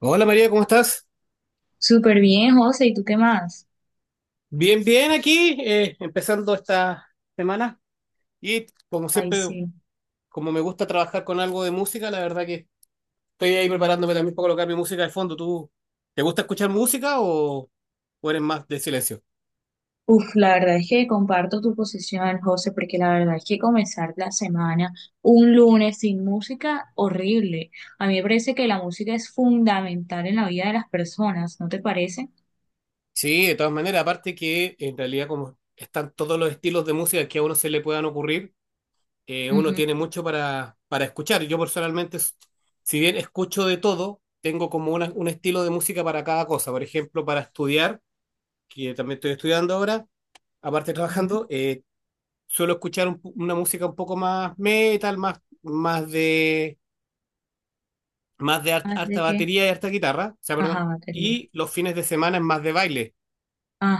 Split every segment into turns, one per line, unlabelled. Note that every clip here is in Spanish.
Hola María, ¿cómo estás?
Súper bien, José, ¿y tú qué más?
Bien, bien aquí, empezando esta semana. Y como
Ay,
siempre,
sí.
como me gusta trabajar con algo de música, la verdad que estoy ahí preparándome también para colocar mi música de fondo. ¿Tú te gusta escuchar música o eres más de silencio?
Uf, la verdad es que comparto tu posición, José, porque la verdad es que comenzar la semana un lunes sin música, horrible. A mí me parece que la música es fundamental en la vida de las personas, ¿no te parece?
Sí, de todas maneras, aparte que en realidad como están todos los estilos de música que a uno se le puedan ocurrir, uno
Ujú,
tiene mucho para escuchar. Yo personalmente, si bien escucho de todo, tengo como un estilo de música para cada cosa. Por ejemplo, para estudiar, que también estoy estudiando ahora, aparte de
ujú.
trabajando, suelo escuchar una música un poco más metal, más de
¿Más
harta
de qué?
batería y harta guitarra, o sea, perdón,
Ajá, batería.
y los fines de semana es más de baile.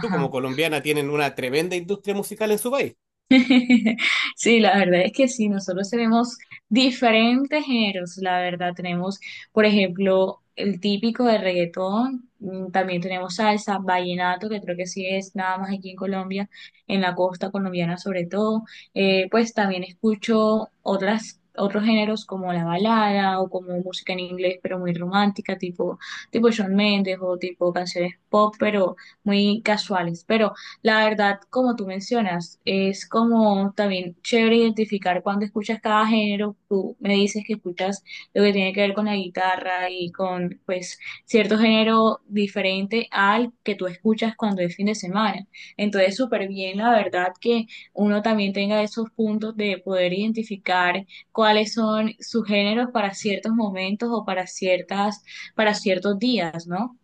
Tú como colombiana tienen una tremenda industria musical en su país.
Sí, la verdad es que sí, nosotros tenemos diferentes géneros, la verdad tenemos, por ejemplo, el típico de reggaetón, mm, también tenemos salsa, vallenato, que creo que sí es nada más aquí en Colombia, en la costa colombiana sobre todo. Pues también escucho otros géneros como la balada o como música en inglés, pero muy romántica, tipo Shawn Mendes o tipo canciones pop, pero muy casuales, pero... La verdad, como tú mencionas, es como también chévere identificar cuando escuchas cada género. Tú me dices que escuchas lo que tiene que ver con la guitarra y con pues cierto género diferente al que tú escuchas cuando es fin de semana. Entonces, súper bien, la verdad, que uno también tenga esos puntos de poder identificar cuáles son sus géneros para ciertos momentos o para para ciertos días, ¿no?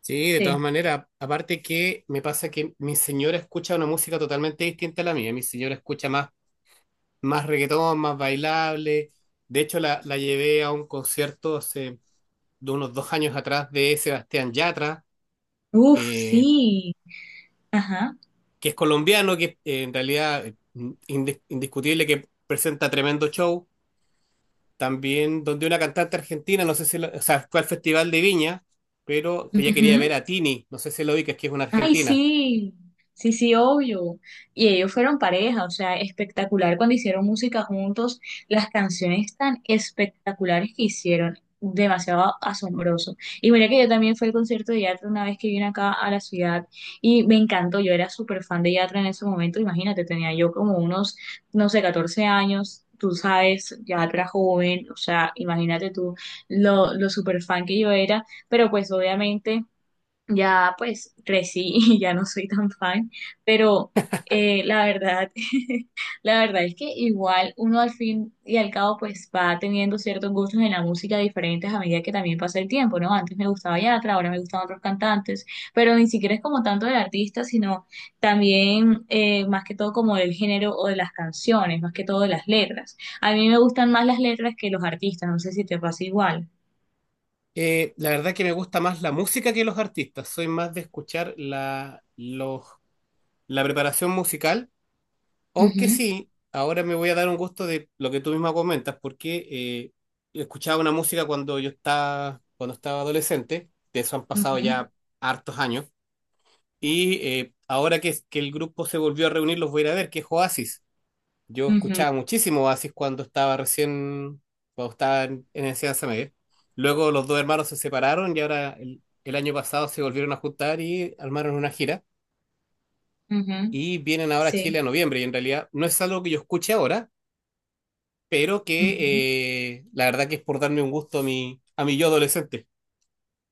Sí, de todas
Sí.
maneras, aparte que me pasa que mi señora escucha una música totalmente distinta a la mía. Mi señora escucha más, más reggaetón, más bailable. De hecho, la llevé a un concierto hace de unos 2 años atrás de Sebastián Yatra,
Uf,
eh,
sí. Ajá.
que es colombiano, que en realidad, indiscutible que presenta tremendo show. También donde una cantante argentina, no sé si, o sea, fue al Festival de Viña, pero ella quería ver
Ujú.
a Tini, no sé si lo ubicas, que es una
Ay,
argentina.
sí, sí, sí, obvio. Y ellos fueron pareja, o sea, espectacular cuando hicieron música juntos, las canciones tan espectaculares que hicieron, demasiado asombroso. Y mira que yo también fui al concierto de Yatra una vez que vine acá a la ciudad y me encantó, yo era súper fan de Yatra en ese momento, imagínate, tenía yo como unos, no sé, 14 años. Tú sabes, Yatra joven, o sea, imagínate tú lo súper fan que yo era, pero pues obviamente ya pues crecí y ya no soy tan fan, pero la verdad, la verdad es que igual uno al fin y al cabo pues va teniendo ciertos gustos en la música diferentes a medida que también pasa el tiempo, ¿no? Antes me gustaba Yatra, ahora me gustan otros cantantes, pero ni siquiera es como tanto del artista, sino también más que todo como del género o de las canciones, más que todo de las letras. A mí me gustan más las letras que los artistas, no sé si te pasa igual.
La verdad que me gusta más la música que los artistas, soy más de escuchar la preparación musical. Aunque
Ujú,
sí, ahora me voy a dar un gusto de lo que tú misma comentas, porque escuchaba una música cuando yo estaba, cuando estaba adolescente, de eso han pasado
ujú,
ya hartos años, y ahora que el grupo se volvió a reunir, los voy a ir a ver, que es Oasis. Yo
ujú,
escuchaba muchísimo Oasis cuando estaba recién, cuando estaba en enseñanza media. Luego los dos hermanos se separaron y ahora el año pasado se volvieron a juntar y armaron una gira.
ujú,
Y vienen ahora a Chile a
sí.
noviembre, y en realidad no es algo que yo escuche ahora, pero
Ujú.
que, la verdad que es por darme un gusto a mi yo adolescente.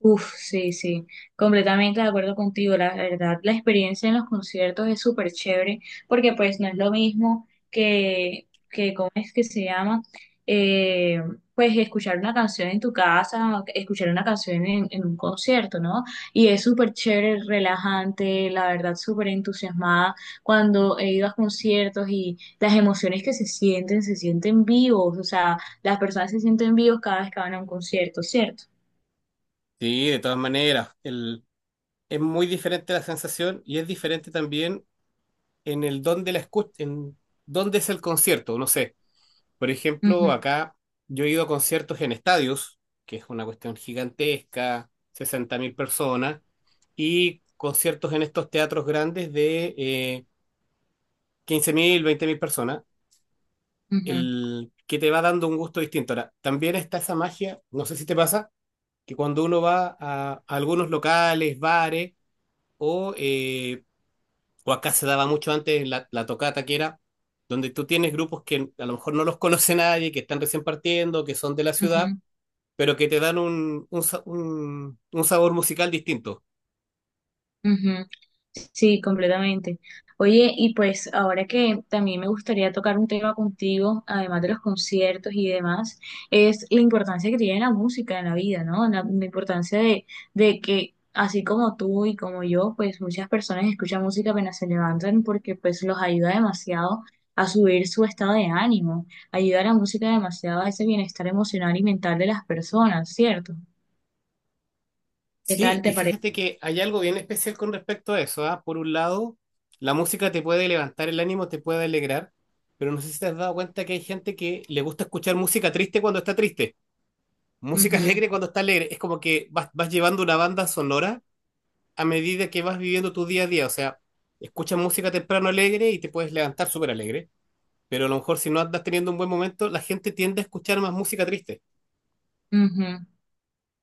Uf, sí, sí, completamente de acuerdo contigo. La verdad, la experiencia en los conciertos es súper chévere porque pues no es lo mismo que ¿cómo es que se llama? Eh, pues escuchar una canción en tu casa, o escuchar una canción en un concierto, ¿no? Y es súper chévere, relajante, la verdad, súper entusiasmada cuando he ido a conciertos y las emociones que se sienten vivos, o sea, las personas se sienten vivos cada vez que van a un concierto, ¿cierto?
Sí, de todas maneras, el, es muy diferente la sensación y es diferente también en el dónde en dónde es el concierto, no sé. Por ejemplo,
Ujú.
acá yo he ido a conciertos en estadios, que es una cuestión gigantesca, 60 mil personas, y conciertos en estos teatros grandes de 15 mil, 20 mil personas,
Ujú,
el que te va dando un gusto distinto. Ahora, también está esa magia, no sé si te pasa, que cuando uno va a algunos locales, bares, o, eh, o acá se daba mucho antes la tocata, que era donde tú tienes grupos que a lo mejor no los conoce nadie, que están recién partiendo, que son de la ciudad,
ujú,
pero que te dan un sabor musical distinto.
ujú. Sí, completamente. Oye, y pues ahora que también me gustaría tocar un tema contigo, además de los conciertos y demás, es la importancia que tiene la música en la vida, ¿no? La importancia de que así como tú y como yo, pues muchas personas escuchan música apenas se levantan porque pues los ayuda demasiado a subir su estado de ánimo, ayuda a la música demasiado a ese bienestar emocional y mental de las personas, ¿cierto? ¿Qué
Sí,
tal
y
te parece?
fíjate que hay algo bien especial con respecto a eso, ¿ah? Por un lado, la música te puede levantar el ánimo, te puede alegrar, pero no sé si te has dado cuenta que hay gente que le gusta escuchar música triste cuando está triste, música
Ujú,
alegre cuando está alegre. Es como que vas llevando una banda sonora a medida que vas viviendo tu día a día. O sea, escuchas música temprano alegre y te puedes levantar súper alegre, pero a lo mejor si no andas teniendo un buen momento, la gente tiende a escuchar más música triste.
ujú.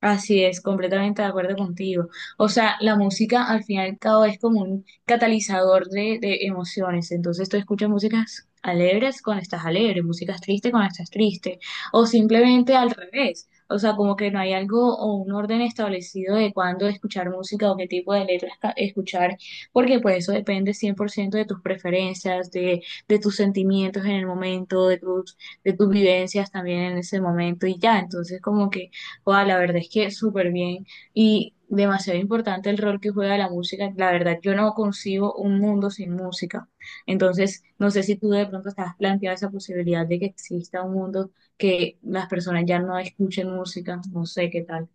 Así es, completamente de acuerdo contigo. O sea, la música al fin y al cabo es como un catalizador de emociones. Entonces tú escuchas músicas alegres cuando estás alegre, músicas tristes cuando estás triste, o simplemente al revés. O sea, como que no hay algo o un orden establecido de cuándo escuchar música o qué tipo de letras escuchar, porque pues eso depende 100% de tus preferencias, de tus sentimientos en el momento, de tus vivencias también en ese momento y ya. Entonces como que... Wow, la verdad es que súper bien y demasiado importante el rol que juega la música. La verdad, yo no concibo un mundo sin música. Entonces, no sé si tú de pronto estás planteado esa posibilidad de que exista un mundo que las personas ya no escuchen música. No sé qué tal.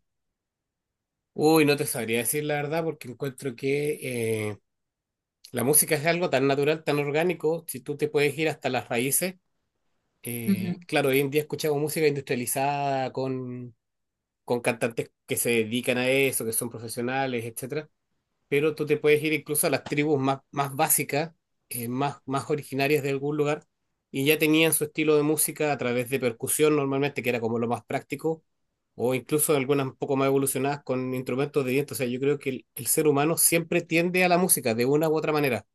Uy, no te sabría decir la verdad porque encuentro que... la música es algo tan natural, tan orgánico, si tú te puedes ir hasta las raíces. Claro, hoy en día escuchamos música industrializada con cantantes que se dedican a eso, que son profesionales, etcétera, pero tú te puedes ir incluso a las tribus más, más básicas, más, más originarias de algún lugar, y ya tenían su estilo de música a través de percusión normalmente, que era como lo más práctico, o incluso algunas un poco más evolucionadas con instrumentos de viento. O sea, yo creo que el ser humano siempre tiende a la música de una u otra manera.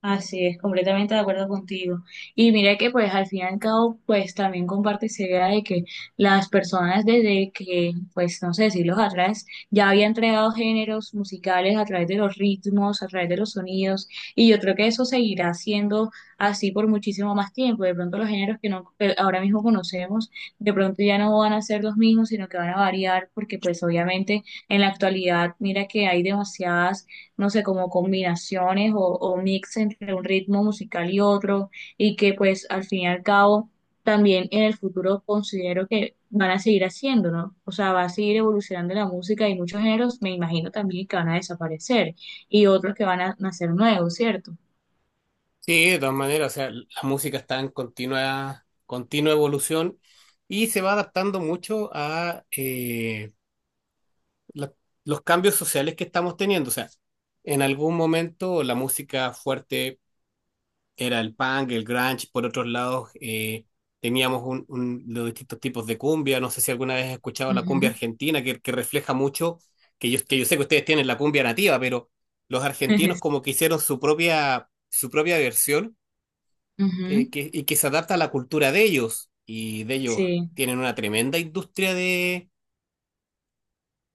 Así es, completamente de acuerdo contigo. Y mira que pues al fin y al cabo pues también comparte esa idea de que las personas desde que pues no sé, siglos atrás ya habían creado géneros musicales a través de los ritmos, a través de los sonidos y yo creo que eso seguirá siendo así por muchísimo más tiempo. De pronto los géneros que no que ahora mismo conocemos de pronto ya no van a ser los mismos, sino que van a variar porque pues obviamente en la actualidad mira que hay demasiadas no sé, como combinaciones o mix entre un ritmo musical y otro, y que pues al fin y al cabo también en el futuro considero que van a seguir haciendo, ¿no? O sea, va a seguir evolucionando la música y muchos géneros me imagino también que van a desaparecer y otros que van a nacer nuevos, ¿cierto?
Sí, de todas maneras, o sea, la música está en continua, continua evolución y se va adaptando mucho a la- los cambios sociales que estamos teniendo. O sea, en algún momento la música fuerte era el punk, el grunge, por otros lados teníamos los distintos tipos de cumbia. No sé si alguna vez has escuchado la cumbia
Ujú.
argentina, que refleja mucho, que que yo sé que ustedes tienen la cumbia nativa, pero los argentinos como que hicieron su propia versión,
Ujú.
y que se adapta a la cultura de ellos. Y de ellos
Sí,
tienen una tremenda industria de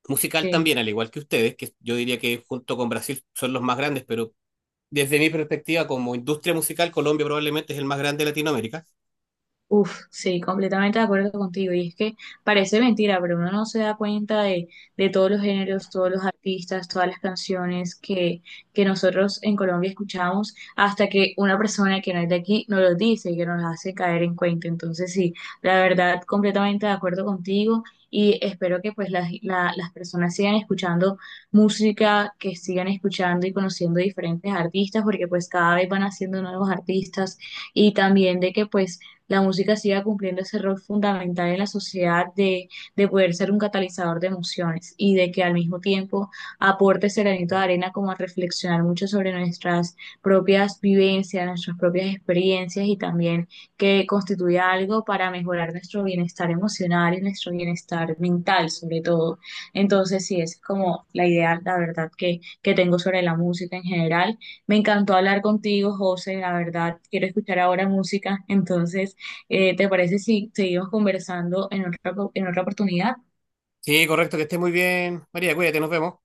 musical
sí.
también, al igual que ustedes, que yo diría que junto con Brasil son los más grandes, pero desde mi perspectiva como industria musical, Colombia probablemente es el más grande de Latinoamérica.
Uf, sí, completamente de acuerdo contigo. Y es que parece mentira, pero uno no se da cuenta de todos los géneros, todos los artistas, todas las canciones que nosotros en Colombia escuchamos, hasta que una persona que no es de aquí nos los dice y que nos hace caer en cuenta. Entonces, sí, la verdad, completamente de acuerdo contigo. Y espero que pues las personas sigan escuchando música, que sigan escuchando y conociendo diferentes artistas, porque pues cada vez van haciendo nuevos artistas y también de que pues la música siga cumpliendo ese rol fundamental en la sociedad de poder ser un catalizador de emociones y de que al mismo tiempo aporte ese granito de arena como a reflexionar mucho sobre nuestras propias vivencias, nuestras propias experiencias y también que constituya algo para mejorar nuestro bienestar emocional y nuestro bienestar mental sobre todo. Entonces, sí, esa es como la idea, la verdad, que tengo sobre la música en general. Me encantó hablar contigo, José, la verdad, quiero escuchar ahora música, entonces... ¿Te parece si seguimos conversando en en otra oportunidad?
Sí, correcto, que estés muy bien. María, cuídate, nos vemos.